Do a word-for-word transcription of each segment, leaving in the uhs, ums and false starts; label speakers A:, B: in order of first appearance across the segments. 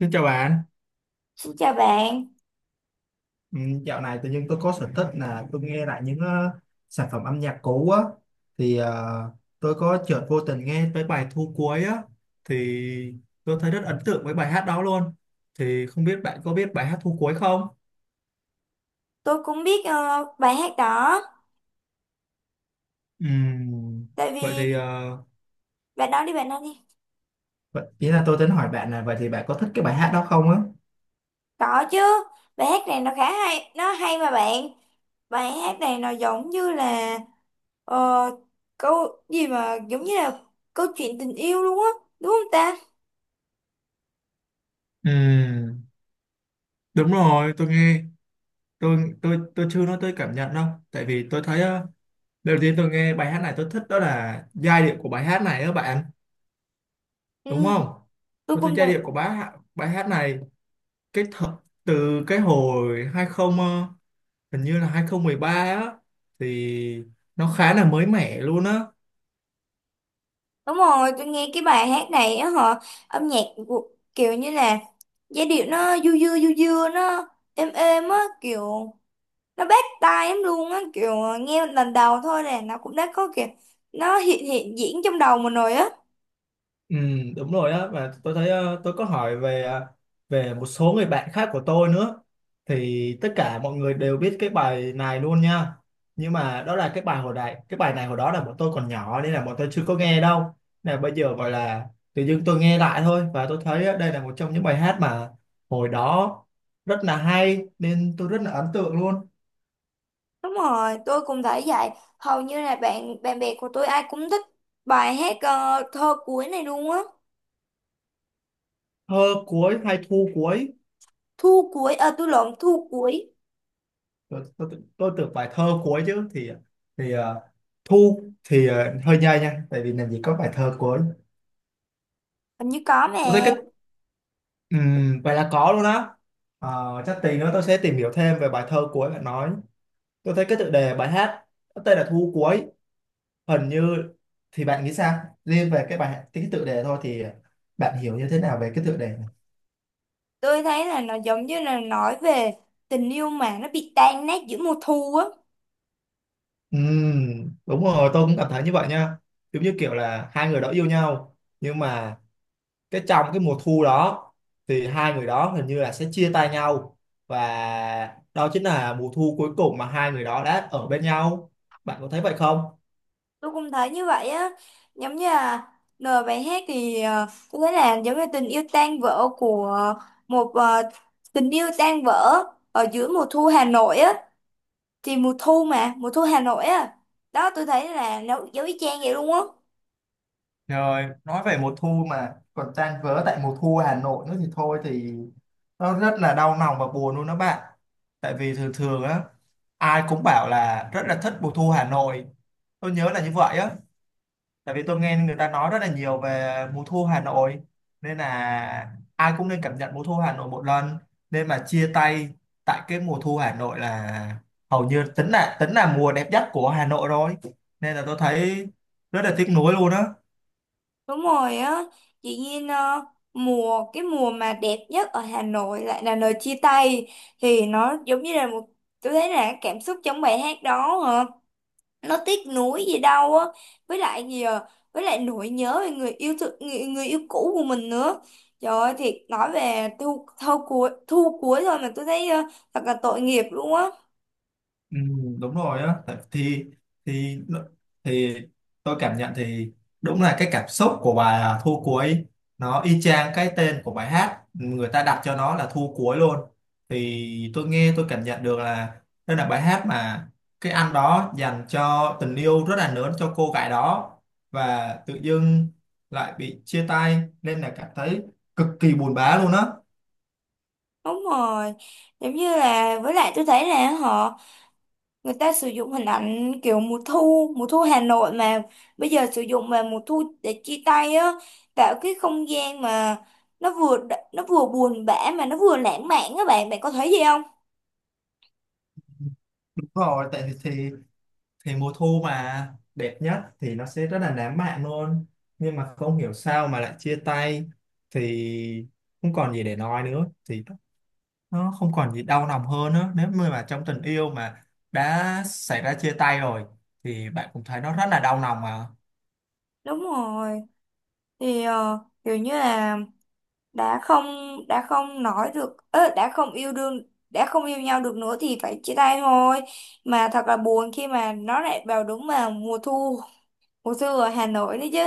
A: Xin chào bạn,
B: Xin chào bạn,
A: ừ, dạo này tự nhiên tôi có sở thích là tôi nghe lại những ờ, sản phẩm âm nhạc cũ á. Thì ờ, tôi có chợt vô tình nghe tới bài Thu Cuối á, thì tôi thấy rất ấn tượng với bài hát đó luôn. Thì không biết bạn có biết bài hát Thu Cuối không?
B: tôi cũng biết ờ, bài hát đó,
A: Ừm,
B: tại vì
A: vậy thì ờ,
B: bạn nói đi bạn nói đi.
A: vậy, ý là tôi tính hỏi bạn là vậy thì bạn có thích cái bài hát đó không á?
B: Có chứ, bài hát này nó khá hay, nó hay mà bạn. Bài hát này nó giống như là ờ, câu gì mà giống như là câu chuyện tình yêu luôn á, đúng không ta?
A: Ừ, đúng rồi, tôi nghe tôi tôi tôi chưa nói tới cảm nhận đâu, tại vì tôi thấy ờ, đầu tiên tôi nghe bài hát này tôi thích đó là giai điệu của bài hát này đó bạn. Đúng
B: Ừ,
A: không?
B: tôi
A: Tôi thấy
B: cũng
A: giai
B: thật.
A: điệu của bài hát, bài hát này cái th từ cái hồi hai mươi ờ, hình như là hai không một ba á, thì nó khá là mới mẻ luôn á.
B: Đúng rồi, tôi nghe cái bài hát này á họ âm nhạc của, kiểu như là giai điệu nó du dưa du dưa nó êm êm á kiểu nó bắt tai em luôn á kiểu ờ, nghe lần đầu thôi là nó cũng đã có kiểu nó hiện hiện diễn trong đầu mình rồi á.
A: Ừ, đúng rồi á, và tôi thấy ờ, tôi có hỏi về ờ, về một số người bạn khác của tôi nữa, thì tất cả mọi người đều biết cái bài này luôn nha. Nhưng mà đó là cái bài hồi đại cái bài này hồi đó là bọn tôi còn nhỏ nên là bọn tôi chưa có nghe đâu, là bây giờ gọi là tự dưng tôi nghe lại thôi. Và tôi thấy ờ, đây là một trong những bài hát mà hồi đó rất là hay nên tôi rất là ấn tượng luôn.
B: Đúng rồi, tôi cũng thấy vậy. Hầu như là bạn bạn bè của tôi ai cũng thích bài hát ờ, thơ cuối này luôn á.
A: Thơ cuối hay thu cuối?
B: Thu cuối, ờ tôi lộn, thu cuối.
A: Tôi tôi tôi tưởng bài thơ cuối chứ, thì thì ờ, thu thì ờ, hơi nhây nha, tại vì làm gì có bài thơ cuối.
B: Hình như có mà.
A: Tôi thấy cái ừm, Vậy là có luôn á. Ờ, chắc tí nữa tôi sẽ tìm hiểu thêm về bài thơ cuối bạn nói. Tôi thấy cái tựa đề bài hát có tên là thu cuối, hình như, thì bạn nghĩ sao liên về cái bài cái tựa đề thôi, thì bạn hiểu như thế nào về cái tựa đề này?
B: Tôi thấy là nó giống như là nói về tình yêu mà nó bị tan nát giữa mùa thu á.
A: Ừm, đúng rồi, tôi cũng cảm thấy như vậy nha. Giống như kiểu là hai người đó yêu nhau nhưng mà cái trong cái mùa thu đó thì hai người đó hình như là sẽ chia tay nhau, và đó chính là mùa thu cuối cùng mà hai người đó đã ở bên nhau. Bạn có thấy vậy không?
B: Tôi cũng thấy như vậy á, giống như là lời bài hát thì ờ, tôi thấy là giống như tình yêu tan vỡ của một ờ, tình yêu tan vỡ ở giữa mùa thu Hà Nội á, thì mùa thu mà mùa thu Hà Nội á, đó tôi thấy là nó giống y chang vậy luôn á.
A: Rồi, nói về mùa thu mà còn tan vỡ tại mùa thu Hà Nội nữa thì thôi thì nó rất là đau lòng và buồn luôn đó bạn. Tại vì thường thường á, ai cũng bảo là rất là thích mùa thu Hà Nội. Tôi nhớ là như vậy á. Tại vì tôi nghe người ta nói rất là nhiều về mùa thu Hà Nội, nên là ai cũng nên cảm nhận mùa thu Hà Nội một lần. Nên mà chia tay tại cái mùa thu Hà Nội là hầu như tính là tính là mùa đẹp nhất của Hà Nội rồi, nên là tôi thấy rất là tiếc nuối luôn á.
B: Đúng rồi á chị Nhiên, ờ, mùa cái mùa mà đẹp nhất ở Hà Nội lại là lời chia tay, thì nó giống như là một, tôi thấy là cảm xúc trong bài hát đó nó tiếc nuối gì đâu á. Với lại gì à? Với lại nỗi nhớ về người yêu thương, người, người yêu cũ của mình nữa. Trời ơi thiệt, nói về thu thu cuối thu cuối thôi mà tôi thấy ờ, thật là tội nghiệp luôn á.
A: Ừ, đúng rồi á. Tại- thì thì thì tôi cảm nhận thì đúng là cái cảm xúc của bài à, Thu Cuối, nó y chang cái tên của bài hát người ta đặt cho nó là Thu Cuối luôn. Thì tôi nghe tôi cảm nhận được là đây là bài hát mà cái anh đó dành cho tình yêu rất là lớn cho cô gái đó, và tự dưng lại bị chia tay nên là cảm thấy cực kỳ buồn bã luôn á.
B: Đúng rồi, giống như là với lại tôi thấy là họ người ta sử dụng hình ảnh kiểu mùa thu mùa thu Hà Nội mà bây giờ sử dụng về mùa thu để chia tay á, tạo cái không gian mà nó vừa nó vừa buồn bã mà nó vừa lãng mạn, các bạn bạn có thấy gì không?
A: Đúng rồi, tại thì thì mùa thu mà đẹp nhất thì nó sẽ rất là lãng mạn luôn. Nhưng mà không hiểu sao mà lại chia tay thì không còn gì để nói nữa, thì nó không còn gì đau lòng hơn nữa nếu như mà trong tình yêu mà đã xảy ra chia tay rồi thì bạn cũng thấy nó rất là đau lòng mà.
B: Đúng rồi, thì ờ, kiểu như là đã không đã không nói được ớ, đã không yêu đương đã không yêu nhau được nữa thì phải chia tay thôi, mà thật là buồn khi mà nó lại vào đúng vào mùa thu, mùa thu ở Hà Nội đấy chứ.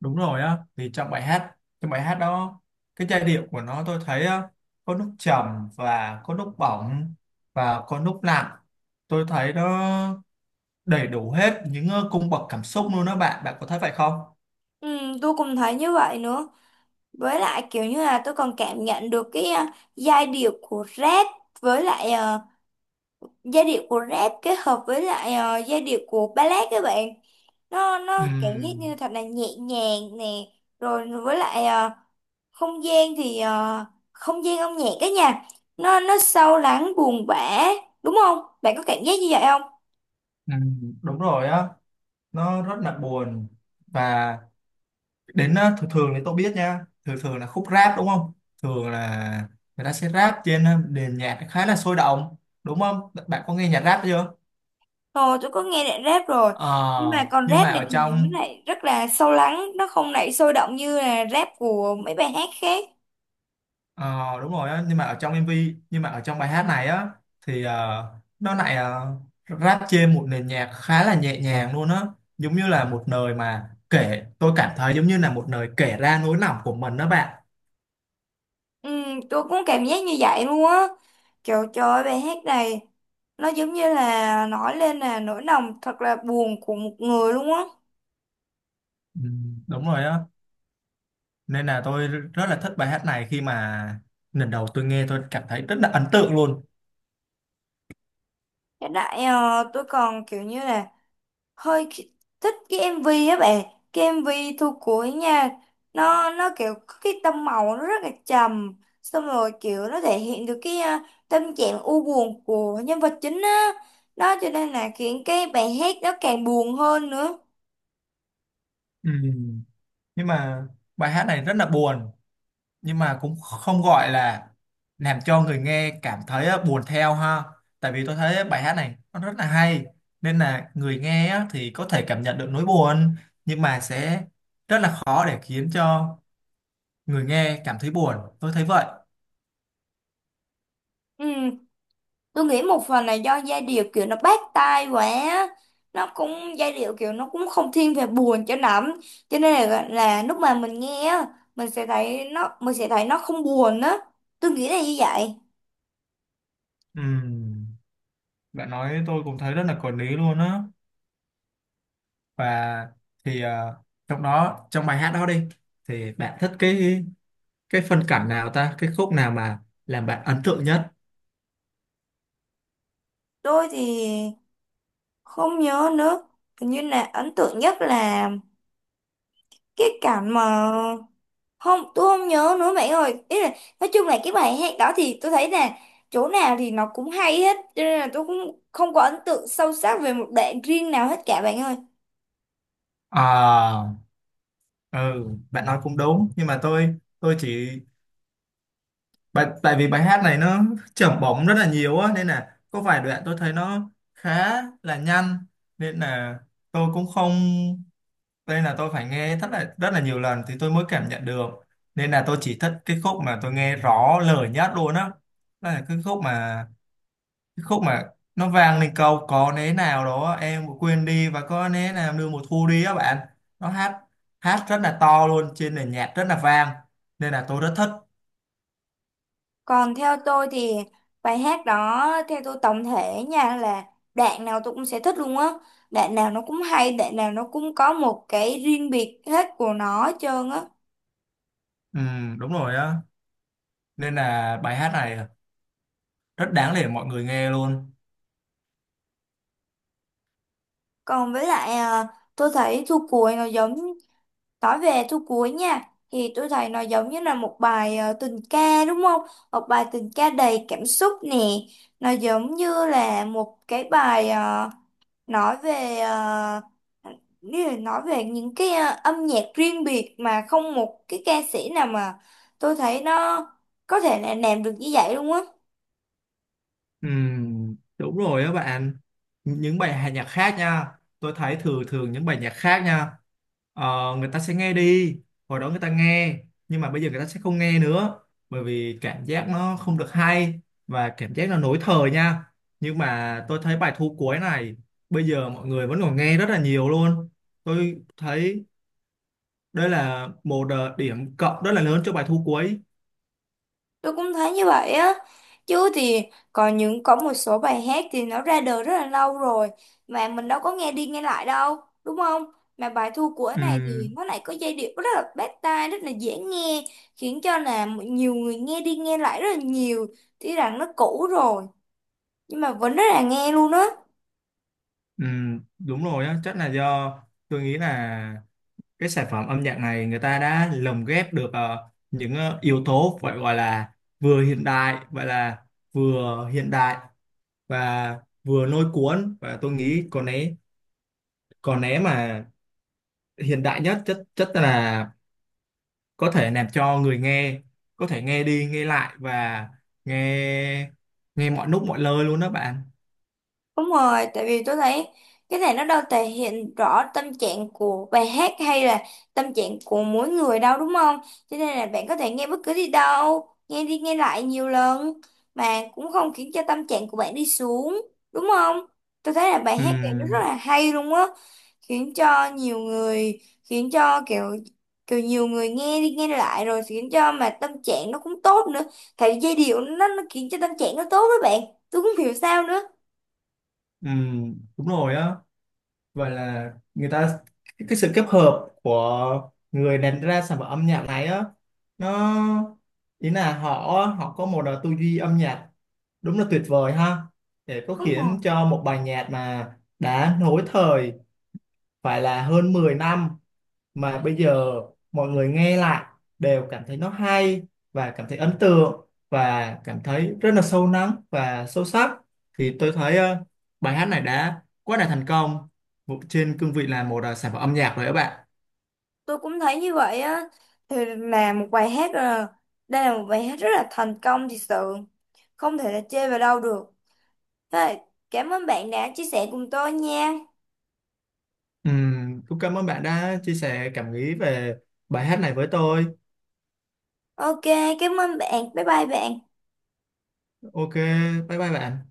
A: Đúng rồi á, thì trong bài hát, trong bài hát đó cái giai điệu của nó tôi thấy á, có lúc trầm và có lúc bỏng và có lúc nặng. Tôi thấy đó đầy đủ hết những ờ, cung bậc cảm xúc luôn đó bạn. Bạn có thấy vậy không?
B: Ừ, tôi cũng thấy như vậy nữa, với lại kiểu như là tôi còn cảm nhận được cái ờ, giai điệu của rap với lại ờ, giai điệu của rap kết hợp với lại ờ, giai điệu của ballad các bạn, nó nó cảm giác như
A: Ừm,
B: thật là nhẹ nhàng nè. Rồi với lại ờ, không gian thì ờ, không gian âm nhạc cái nhà nó nó sâu lắng buồn bã, đúng không, bạn có cảm giác như vậy không?
A: ừm, đúng rồi á, nó rất là buồn. Và đến ờ, thường thường thì tôi biết nha, thường thường là khúc rap đúng không, thường là người ta sẽ rap trên ờ, nền nhạc khá là sôi động. Đúng không? Bạn có nghe nhạc rap chưa?
B: Ờ, tôi có nghe rap rap rồi, nhưng mà
A: Ờ,
B: còn
A: nhưng mà
B: rap này
A: ở
B: thì nó
A: trong
B: lại rất là sâu lắng, nó không lại sôi động như là rap của mấy bài hát khác.
A: Ờ, đúng rồi á, nhưng mà ở trong em vê, nhưng mà ở trong bài hát này á, thì ờ, nó lại uh, rap trên một nền nhạc khá là nhẹ nhàng luôn á. Giống như là một lời mà kể, tôi cảm thấy giống như là một lời kể ra nỗi lòng của mình đó bạn.
B: Ừ, tôi cũng cảm giác như vậy luôn á. Trời trời ơi, bài hát này nó giống như là nói lên là nỗi lòng thật là buồn của một người luôn á.
A: Ừ, đúng rồi á, nên là tôi rất là thích bài hát này, khi mà lần đầu tôi nghe tôi cảm thấy rất là ấn tượng luôn.
B: Hiện tại ờ, tôi còn kiểu như là hơi ki- thích cái em vê á bạn, cái em vê Thu Cuối nha, nó nó kiểu có cái tông màu nó rất là trầm, xong rồi kiểu nó thể hiện được cái à, tâm trạng u buồn của nhân vật chính á, đó cho nên là khiến cái bài hát nó càng buồn hơn nữa.
A: Ừ. Nhưng mà bài hát này rất là buồn, nhưng mà cũng không gọi là làm cho người nghe cảm thấy á, buồn theo ha. Tại vì tôi thấy bài hát này nó rất là hay, nên là người nghe á, thì có thể cảm nhận được nỗi buồn nhưng mà sẽ rất là khó để khiến cho người nghe cảm thấy buồn, tôi thấy vậy.
B: Ừ, tôi nghĩ một phần là do giai điệu kiểu nó bắt tai quá á. Nó cũng giai điệu kiểu nó cũng không thiên về buồn cho lắm, cho nên là, là lúc mà mình nghe á mình sẽ thấy nó mình sẽ thấy nó không buồn á, tôi nghĩ là như vậy.
A: Ừm, bạn nói tôi cũng thấy rất là có lý luôn á. Và thì ờ, trong đó trong bài hát đó đi, thì bạn thích cái cái phân cảnh nào ta cái khúc nào mà làm bạn ấn tượng nhất?
B: Tôi thì không nhớ nữa. Hình như là ấn tượng nhất là cái cảnh mà không, tôi không nhớ nữa bạn ơi. Ý là nói chung là cái bài hát đó thì tôi thấy là chỗ nào thì nó cũng hay hết, cho nên là tôi cũng không có ấn tượng sâu sắc về một đoạn riêng nào hết cả bạn ơi.
A: À. Ừ, bạn nói cũng đúng, nhưng mà tôi tôi chỉ, tại tại vì bài hát này nó chưởng bóng rất là nhiều á, nên là có vài đoạn tôi thấy nó khá là nhanh, nên là tôi cũng không, nên là tôi phải nghe rất là rất là nhiều lần thì tôi mới cảm nhận được. Nên là tôi chỉ thích cái khúc mà tôi nghe rõ lời nhất luôn á. Đó là cái khúc mà cái khúc mà nó vang lên câu có nế nào đó em cũng quên đi và có nế nào đưa mùa thu đi á bạn. Nó hát hát rất là to luôn trên nền nhạc rất là vang, nên là tôi rất thích.
B: Còn theo tôi thì bài hát đó theo tôi tổng thể nha là đoạn nào tôi cũng sẽ thích luôn á. Đoạn nào nó cũng hay, đoạn nào nó cũng có một cái riêng biệt hết của nó hết trơn á.
A: Ừ, đúng rồi á, nên là bài hát này rất đáng để mọi người nghe luôn.
B: Còn với lại à, tôi thấy thu cuối nó giống, nói về thu cuối nha thì tôi thấy nó giống như là một bài à, tình ca đúng không? Một bài tình ca đầy cảm xúc nè. Nó giống như là một cái bài à, nói về à, như là nói về những cái à, âm nhạc riêng biệt mà không một cái ca sĩ nào mà tôi thấy nó có thể là làm được như vậy luôn á.
A: Ừm, đúng rồi đó bạn, những bài hát nhạc khác nha, tôi thấy thường thường những bài nhạc khác nha ờ, người ta sẽ nghe đi, hồi đó người ta nghe nhưng mà bây giờ người ta sẽ không nghe nữa, bởi vì cảm giác nó không được hay và cảm giác nó lỗi thời nha. Nhưng mà tôi thấy bài thu cuối này, bây giờ mọi người vẫn còn nghe rất là nhiều luôn. Tôi thấy đây là một ờ, điểm cộng rất là lớn cho bài thu cuối.
B: Tôi cũng thấy như vậy á. Chứ thì còn những có một số bài hát thì nó ra đời rất là lâu rồi mà mình đâu có nghe đi nghe lại đâu, đúng không? Mà bài Thu Của này thì
A: Ừm,
B: nó lại có giai điệu rất là bắt tai, rất là dễ nghe, khiến cho là nhiều người nghe đi nghe lại rất là nhiều, tuy rằng nó cũ rồi nhưng mà vẫn rất là nghe luôn á.
A: ừm, đúng rồi á, chắc là do tôi nghĩ là cái sản phẩm âm nhạc này người ta đã lồng ghép được ờ, những ờ, yếu tố phải gọi là vừa hiện đại vậy là vừa hiện đại và vừa lôi cuốn. Và tôi nghĩ còn né còn né mà hiện đại nhất chất chất là có thể làm cho người nghe có thể nghe đi nghe lại và nghe nghe mọi lúc mọi nơi luôn đó bạn.
B: Đúng rồi, tại vì tôi thấy cái này nó đâu thể hiện rõ tâm trạng của bài hát hay là tâm trạng của mỗi người đâu đúng không? Cho nên là bạn có thể nghe bất cứ đi đâu, nghe đi nghe lại nhiều lần mà cũng không khiến cho tâm trạng của bạn đi xuống, đúng không? Tôi thấy là bài hát này nó rất
A: Ừm,
B: là hay luôn á, khiến cho nhiều người, khiến cho kiểu kiểu nhiều người nghe đi nghe lại rồi khiến cho mà tâm trạng nó cũng tốt nữa. Tại vì giai điệu nó, nó khiến cho tâm trạng nó tốt đó bạn. Tôi cũng không hiểu sao nữa.
A: ừm, đúng rồi á. Vậy là người ta cái, cái sự kết hợp của người làm ra sản phẩm âm nhạc này á, nó, ý là họ họ có một à, tư duy âm nhạc đúng là tuyệt vời ha, để có
B: Đúng rồi.
A: khiến cho một bài nhạc mà đã nối thời phải là hơn mười năm mà bây giờ mọi người nghe lại đều cảm thấy nó hay và cảm thấy ấn tượng và cảm thấy rất là sâu lắng và sâu sắc. Thì tôi thấy ờ, bài hát này đã quá là thành công trên cương vị là một ờ, sản phẩm âm nhạc rồi các bạn.
B: Tôi cũng thấy như vậy á, thì là một bài hát là đây là một bài hát rất là thành công thật sự, không thể là chê vào đâu được. Thế là cảm ơn bạn đã chia sẻ cùng tôi nha.
A: Ừm, cũng cảm ơn bạn đã chia sẻ cảm nghĩ về bài hát này với tôi.
B: OK, cảm ơn bạn, bye bye bạn.
A: Ok, bye bye bạn.